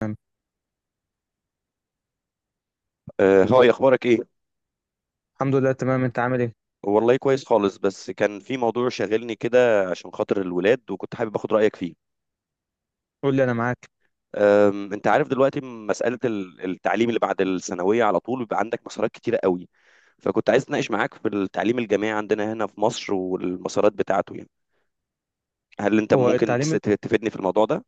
تمام، آه، هاي اخبارك ايه؟ الحمد لله تمام. انت عامل ايه؟ والله كويس خالص، بس كان في موضوع شاغلني كده عشان خاطر الولاد، وكنت حابب اخد رايك فيه. قول لي انا معاك. انت عارف دلوقتي مساله التعليم اللي بعد الثانويه على طول بيبقى عندك مسارات كتيره قوي. فكنت عايز اتناقش معاك في التعليم الجامعي عندنا هنا في مصر والمسارات بتاعته، يعني هل انت هو ممكن التعليم ال- تفيدني في الموضوع ده؟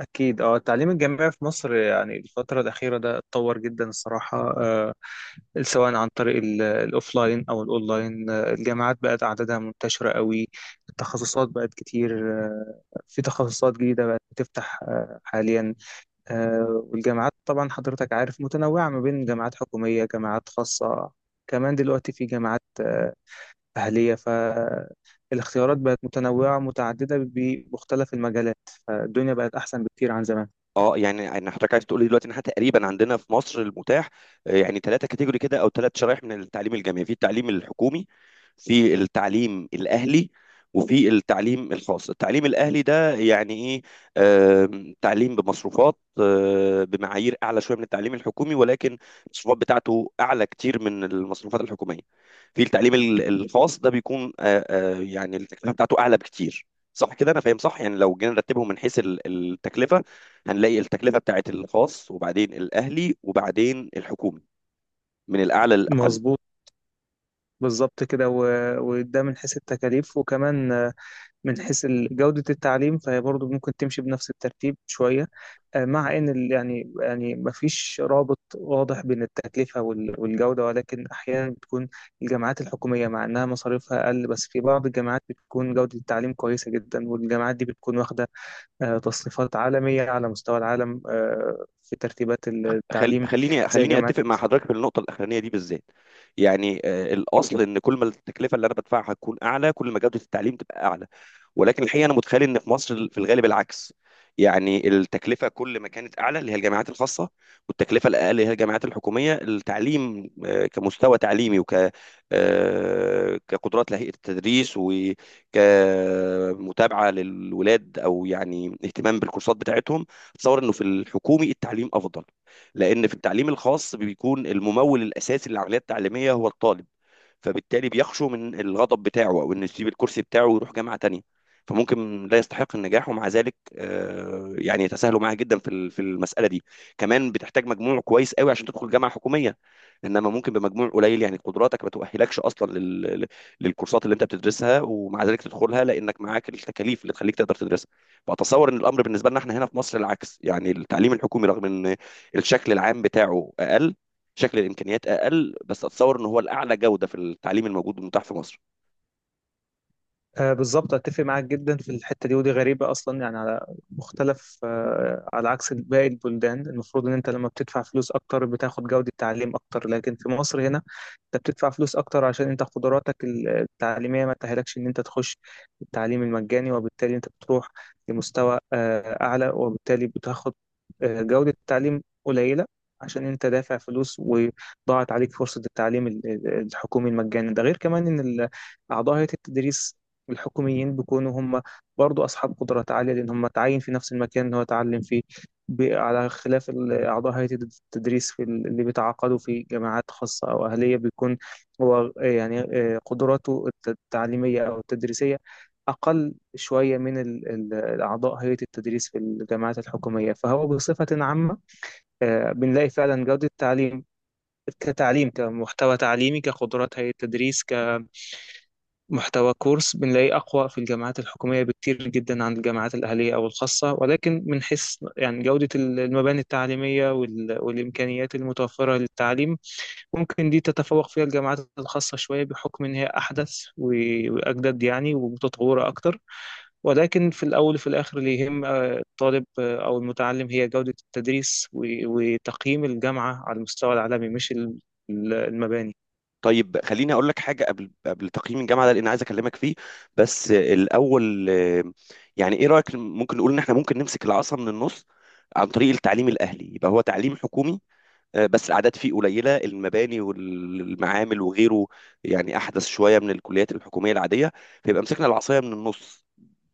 اكيد اه، التعليم الجامعي في مصر يعني الفتره الاخيره ده اتطور جدا الصراحه. آه، سواء عن طريق الاوفلاين او الاونلاين، الجامعات بقت اعدادها منتشره قوي. التخصصات بقت كتير، في تخصصات جديده بقت بتفتح حاليا. آه، والجامعات طبعا حضرتك عارف متنوعه ما بين جامعات حكوميه، جامعات خاصه. كمان دلوقتي في جامعات أهلية. فالاختيارات بقت متنوعة متعددة بمختلف المجالات. فالدنيا بقت أحسن بكتير عن زمان. اه، يعني انا حضرتك عايز تقول لي دلوقتي ان احنا تقريبا عندنا في مصر المتاح يعني ثلاثه كاتيجوري كده او ثلاث شرائح من التعليم الجامعي: في التعليم الحكومي، في التعليم الاهلي، وفي التعليم الخاص. التعليم الاهلي ده يعني ايه؟ تعليم بمصروفات، بمعايير اعلى شويه من التعليم الحكومي، ولكن المصروفات بتاعته اعلى كتير من المصروفات الحكوميه. في التعليم الخاص ده بيكون يعني التكلفه بتاعته اعلى بكتير. صح كده؟ انا فاهم صح؟ يعني لو جينا نرتبهم من حيث التكلفه، هنلاقي التكلفة بتاعت الخاص وبعدين الأهلي وبعدين الحكومي، من الأعلى للأقل. مظبوط، بالظبط كده. وده من حيث التكاليف، وكمان من حيث جودة التعليم فهي برضه ممكن تمشي بنفس الترتيب شوية. مع إن ال- مفيش رابط واضح بين التكلفة والجودة، ولكن أحيانا بتكون الجامعات الحكومية مع إنها مصاريفها أقل، بس في بعض الجامعات بتكون جودة التعليم كويسة جدا، والجامعات دي بتكون واخدة تصنيفات عالمية على مستوى العالم، في ترتيبات التعليم. خليني زي خليني جامعة. أتفق مع حضرتك في النقطة الأخرانية دي بالذات. يعني الأصل إن كل ما التكلفة اللي أنا بدفعها تكون أعلى، كل ما جودة التعليم تبقى أعلى. ولكن الحقيقه انا متخيل ان في مصر في الغالب العكس. يعني التكلفه كل ما كانت اعلى اللي هي الجامعات الخاصه، والتكلفه الاقل اللي هي الجامعات الحكوميه، التعليم كمستوى تعليمي وك كقدرات لهيئه التدريس وكمتابعه للولاد او يعني اهتمام بالكورسات بتاعتهم، اتصور انه في الحكومي التعليم افضل. لان في التعليم الخاص بيكون الممول الاساسي للعمليه التعليميه هو الطالب، فبالتالي بيخشوا من الغضب بتاعه او انه يسيب الكرسي بتاعه ويروح جامعه تانية. فممكن لا يستحق النجاح، ومع ذلك يعني يتساهلوا معاه جدا في في المساله دي. كمان بتحتاج مجموع كويس قوي عشان تدخل جامعه حكوميه، انما ممكن بمجموع قليل يعني قدراتك ما تؤهلكش اصلا للكورسات اللي انت بتدرسها، ومع ذلك تدخلها لانك معاك التكاليف اللي تخليك تقدر تدرسها. فاتصور ان الامر بالنسبه لنا احنا هنا في مصر العكس. يعني التعليم الحكومي رغم ان الشكل العام بتاعه اقل، شكل الامكانيات اقل، بس اتصور ان هو الاعلى جوده في التعليم الموجود والمتاح في مصر. آه، بالظبط، اتفق معاك جدا في الحته دي. ودي غريبه اصلا يعني، على مختلف آه، على عكس باقي البلدان المفروض ان انت لما بتدفع فلوس اكتر بتاخد جوده تعليم اكتر، لكن في مصر هنا انت بتدفع فلوس اكتر عشان انت قدراتك التعليميه ما تأهلكش ان انت تخش التعليم المجاني، وبالتالي انت بتروح لمستوى آه اعلى، وبالتالي بتاخد آه جوده تعليم قليله عشان انت دافع فلوس وضاعت عليك فرصه التعليم الحكومي المجاني ده. غير كمان ان أعضاء هيئة التدريس الحكوميين بيكونوا هم برضو أصحاب قدرات عالية، لأن هم تعين في نفس المكان اللي هو اتعلم فيه. على خلاف أعضاء هيئة التدريس في ال- اللي بيتعاقدوا في جامعات خاصة أو أهلية، بيكون هو قدراته التعليمية أو التدريسية أقل شوية من أعضاء هيئة التدريس في الجامعات الحكومية. فهو بصفة عامة بنلاقي فعلا جودة التعليم كتعليم، كمحتوى تعليمي، كقدرات هيئة التدريس، محتوى كورس، بنلاقيه أقوى في الجامعات الحكومية بكتير جدا عن الجامعات الأهلية أو الخاصة. ولكن من حيث يعني جودة المباني التعليمية والإمكانيات المتوفرة للتعليم، ممكن دي تتفوق فيها الجامعات الخاصة شوية بحكم إن هي أحدث وأجدد يعني ومتطورة أكتر. ولكن في الأول وفي الآخر اللي يهم الطالب أو المتعلم هي جودة التدريس وتقييم الجامعة على المستوى العالمي، مش المباني. طيب خليني اقول لك حاجه قبل تقييم الجامعه ده، لان عايز اكلمك فيه. بس الاول يعني ايه رايك ممكن نقول ان احنا ممكن نمسك العصا من النص عن طريق التعليم الاهلي؟ يبقى هو تعليم حكومي، بس الاعداد فيه قليله، المباني والمعامل وغيره يعني احدث شويه من الكليات الحكوميه العاديه، فيبقى مسكنا العصايه من النص.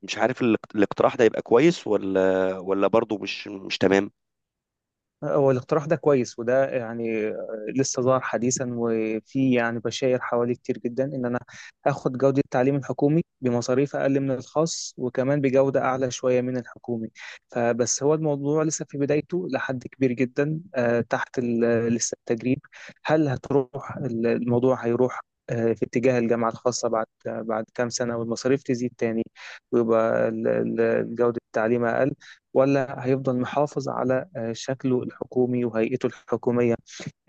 مش عارف الاقت- الاقتراح ده يبقى كويس ولا برضه مش تمام. هو الاقتراح ده كويس، وده يعني لسه ظهر حديثا، وفي يعني بشاير حوالي كتير جدا ان انا اخد جودة التعليم الحكومي بمصاريف اقل من الخاص، وكمان بجودة اعلى شوية من الحكومي. فبس هو الموضوع لسه في بدايته لحد كبير جدا، تحت ال- آه، لسه التجريب. هل هتروح الموضوع هيروح في اتجاه الجامعة الخاصة بعد كام سنة، والمصاريف تزيد تاني، ويبقى جودة التعليم أقل، ولا هيفضل محافظ على شكله الحكومي وهيئته الحكومية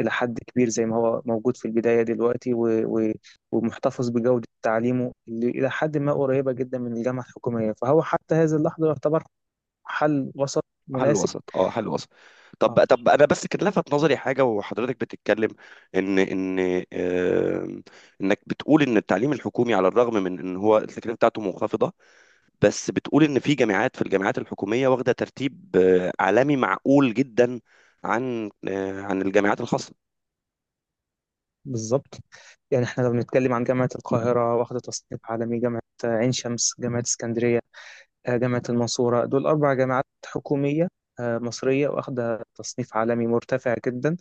إلى حد كبير زي ما هو موجود في البداية دلوقتي، و... ومحتفظ بجودة تعليمه اللي إلى حد ما قريبة جدا من الجامعة الحكومية. فهو حتى هذه اللحظة يعتبر حل وسط حل مناسب. وسط، اه، حل وسط. اه طب انا بس كان لفت نظري حاجه وحضرتك بتتكلم، ان آم، انك بتقول ان التعليم الحكومي على الرغم من ان هو التكلفه بتاعته منخفضه، بس بتقول ان في جامعات، في الجامعات الحكوميه واخده ترتيب عالمي معقول جدا عن عن الجامعات الخاصه. بالظبط. يعني احنا لو بنتكلم عن جامعة القاهرة واخدة تصنيف عالمي، جامعة عين شمس، جامعة اسكندرية، جامعة المنصورة، دول أربع جامعات حكومية مصرية واخدة تصنيف عالمي مرتفع جدا.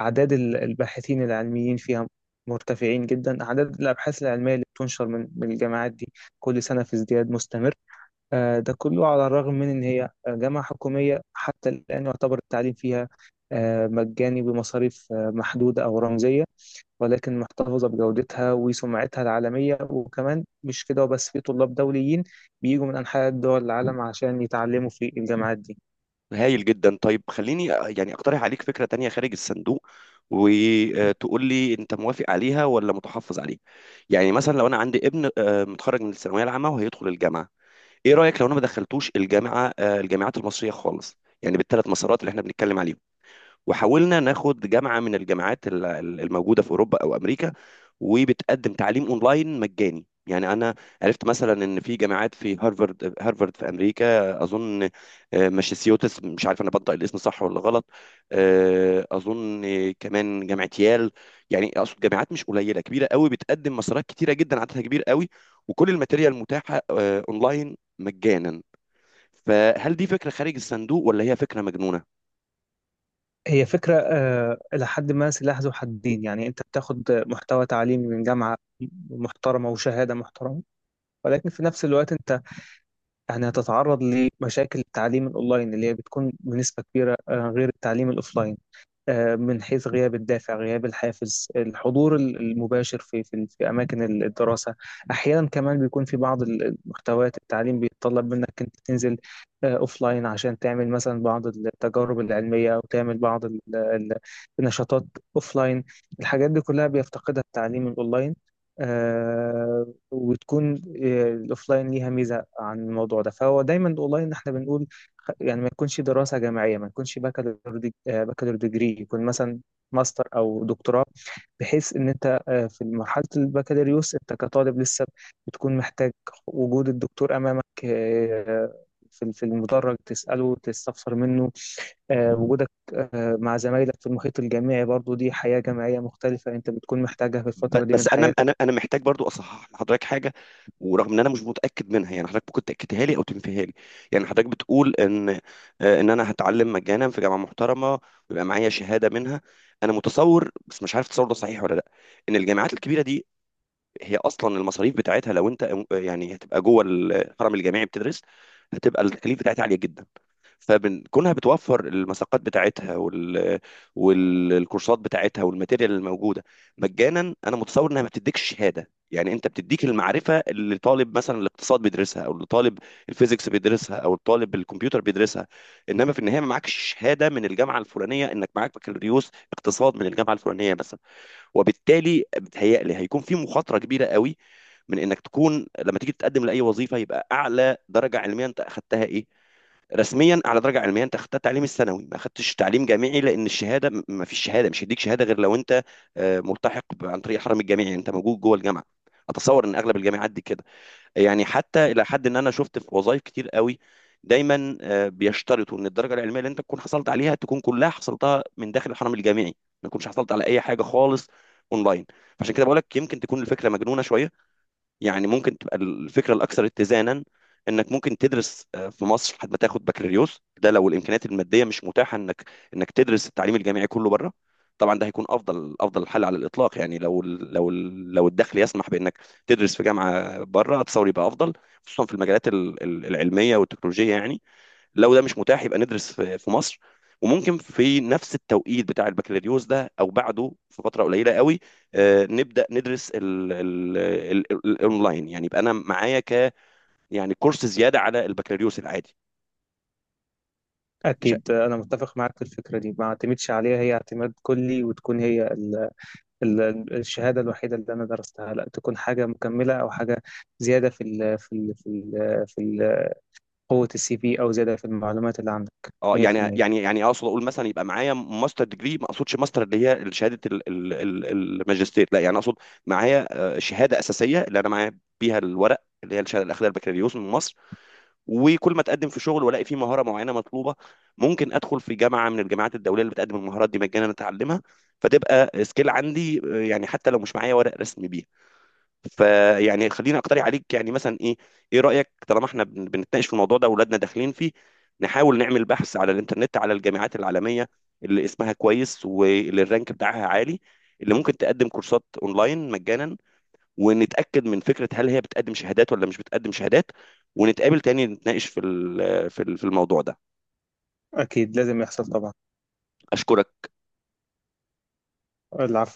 أعداد الباحثين العلميين فيها مرتفعين جدا. أعداد الأبحاث العلمية اللي بتنشر من الجامعات دي كل سنة في ازدياد مستمر. ده كله على الرغم من إن هي جامعة حكومية. حتى الآن يعتبر التعليم فيها مجاني بمصاريف محدودة أو رمزية، ولكن محتفظة بجودتها وسمعتها العالمية. وكمان مش كده وبس، في طلاب دوليين بيجوا من أنحاء دول العالم عشان يتعلموا في الجامعات دي. هايل جدا. طيب خليني يعني اقترح عليك فكرة تانية خارج الصندوق، وتقول لي انت موافق عليها ولا متحفظ عليها. يعني مثلا لو انا عندي ابن متخرج من الثانوية العامة وهيدخل الجامعة، ايه رأيك لو انا ما دخلتوش الجامعة الجامعات المصرية خالص، يعني بالثلاث مسارات اللي احنا بنتكلم عليهم، وحاولنا ناخد جامعة من الجامعات الموجودة في اوروبا او امريكا، وبتقدم تعليم اونلاين مجاني؟ يعني انا عرفت مثلا ان في جامعات، في هارفارد، في امريكا اظن، ماساتشوستس، مش عارف انا بنطق الاسم صح ولا غلط، اظن كمان جامعه يال. يعني اقصد جامعات مش قليله، كبيره قوي، بتقدم مسارات كتيره جدا عددها كبير قوي، وكل الماتيريال متاحه اونلاين مجانا. فهل دي فكره خارج الصندوق ولا هي فكره مجنونه؟ هي فكرة إلى حد ما سلاح ذو حدين. يعني أنت بتاخد محتوى تعليمي من جامعة محترمة وشهادة محترمة، ولكن في نفس الوقت أنت يعني هتتعرض لمشاكل التعليم الأونلاين اللي هي بتكون بنسبة كبيرة غير التعليم الأوفلاين، من حيث غياب الدافع، غياب الحافز، الحضور المباشر في اماكن الدراسه. احيانا كمان بيكون في بعض المحتويات التعليم بيتطلب منك انت تنزل اوف لاين، عشان تعمل مثلا بعض التجارب العلميه، او تعمل بعض النشاطات اوف لاين. الحاجات دي كلها بيفتقدها التعليم الاونلاين، آه، وتكون الاوف لاين ليها ميزه عن الموضوع ده. فهو دايما الاونلاين احنا بنقول يعني ما يكونش دراسة جامعية، ما يكونش بكالور ديجري، يكون مثلا ماستر أو دكتوراه. بحيث إن أنت في مرحلة البكالوريوس أنت كطالب لسه بتكون محتاج وجود الدكتور أمامك، في المدرج تسأله تستفسر منه. وجودك مع زمايلك في المحيط الجامعي برضو، دي حياة جامعية مختلفة أنت بتكون محتاجها في الفترة دي بس من انا حياتك. محتاج برضو اصحح لحضرتك حاجه، ورغم ان انا مش متاكد منها يعني حضرتك ممكن تاكدها لي او تنفيها لي. يعني حضرتك بتقول ان ان انا هتعلم مجانا في جامعه محترمه ويبقى معايا شهاده منها. انا متصور، بس مش عارف التصور ده صحيح ولا لا، ان الجامعات الكبيره دي هي اصلا المصاريف بتاعتها لو انت يعني هتبقى جوه الحرم الجامعي بتدرس، هتبقى التكاليف بتاعتها عاليه جدا. فكونها بتوفر المساقات بتاعتها والكورسات بتاعتها والماتيريال الموجوده مجانا، انا متصور انها ما بتديكش شهاده. يعني انت بتديك المعرفه اللي طالب مثلا الاقتصاد بيدرسها، او اللي طالب الفيزيكس بيدرسها، او الطالب الكمبيوتر بيدرسها، انما في النهايه ما معكش شهاده من الجامعه الفلانيه انك معاك بكالوريوس اقتصاد من الجامعه الفلانيه مثلا. وبالتالي بتهيألي هيكون في مخاطره كبيره قوي، من انك تكون لما تيجي تتقدم لاي وظيفه، يبقى اعلى درجه علميه انت اخذتها ايه رسميا؟ على درجه علميه انت اخدت تعليم الثانوي ما اخدتش تعليم جامعي، لان الشهاده ما فيش شهاده، مش هيديك شهاده غير لو انت ملتحق عن طريق الحرم الجامعي، يعني انت موجود جوه الجامعه. اتصور ان اغلب الجامعات دي كده. يعني حتى الى حد ان انا شفت في وظائف كتير قوي دايما بيشترطوا ان الدرجه العلميه اللي انت تكون حصلت عليها تكون كلها حصلتها من داخل الحرم الجامعي، ما تكونش حصلت على اي حاجه خالص اونلاين. فعشان كده بقول لك يمكن تكون الفكره مجنونه شويه. يعني ممكن تبقى الفكره الاكثر اتزانا، انك ممكن تدرس في مصر لحد ما تاخد بكالوريوس، ده لو الامكانيات الماديه مش متاحه انك تدرس التعليم الجامعي كله بره. طبعا ده هيكون افضل حل على الاطلاق. يعني لو الدخل يسمح بانك تدرس في جامعه بره اتصور يبقى افضل، خصوصا في المجالات العلميه والتكنولوجيه يعني. لو ده مش متاح يبقى ندرس في مصر. وممكن في نفس التوقيت بتاع البكالوريوس ده او بعده في فتره قليله قوي، نبدا ندرس الاونلاين. يعني يبقى انا معايا ك، يعني كورس زياده على البكالوريوس العادي. مش أكيد أنا متفق معاك في الفكرة دي. ما اعتمدش عليها هي اعتماد كلي وتكون هي الشهادة الوحيدة اللي أنا درستها. لا، تكون حاجة مكملة أو حاجة زيادة في ال قوة السي في، أو زيادة في المعلومات اللي عندك. اه يعني 100%. اقصد اقول مثلا يبقى معايا ماستر ديجري. ما اقصدش ماستر اللي هي شهاده الماجستير، لا، يعني اقصد معايا شهاده اساسيه اللي انا معايا بيها الورق اللي هي الشهاده الاخيره البكالوريوس من مصر. وكل ما اتقدم في شغل والاقي فيه مهاره معينه مطلوبه، ممكن ادخل في جامعه من الجامعات الدوليه اللي بتقدم المهارات دي مجانا اتعلمها، فتبقى سكيل عندي، يعني حتى لو مش معايا ورق رسمي بيها. فيعني خليني اقترح عليك يعني مثلا ايه، ايه رايك طالما احنا بنتناقش في الموضوع ده واولادنا داخلين فيه، نحاول نعمل بحث على الانترنت على الجامعات العالميه اللي اسمها كويس واللي الرانك بتاعها عالي، اللي ممكن تقدم كورسات اونلاين مجانا، ونتاكد من فكره هل هي بتقدم شهادات ولا مش بتقدم شهادات، ونتقابل تاني نتناقش في في الموضوع ده. أكيد لازم يحصل طبعا. اشكرك. العفو.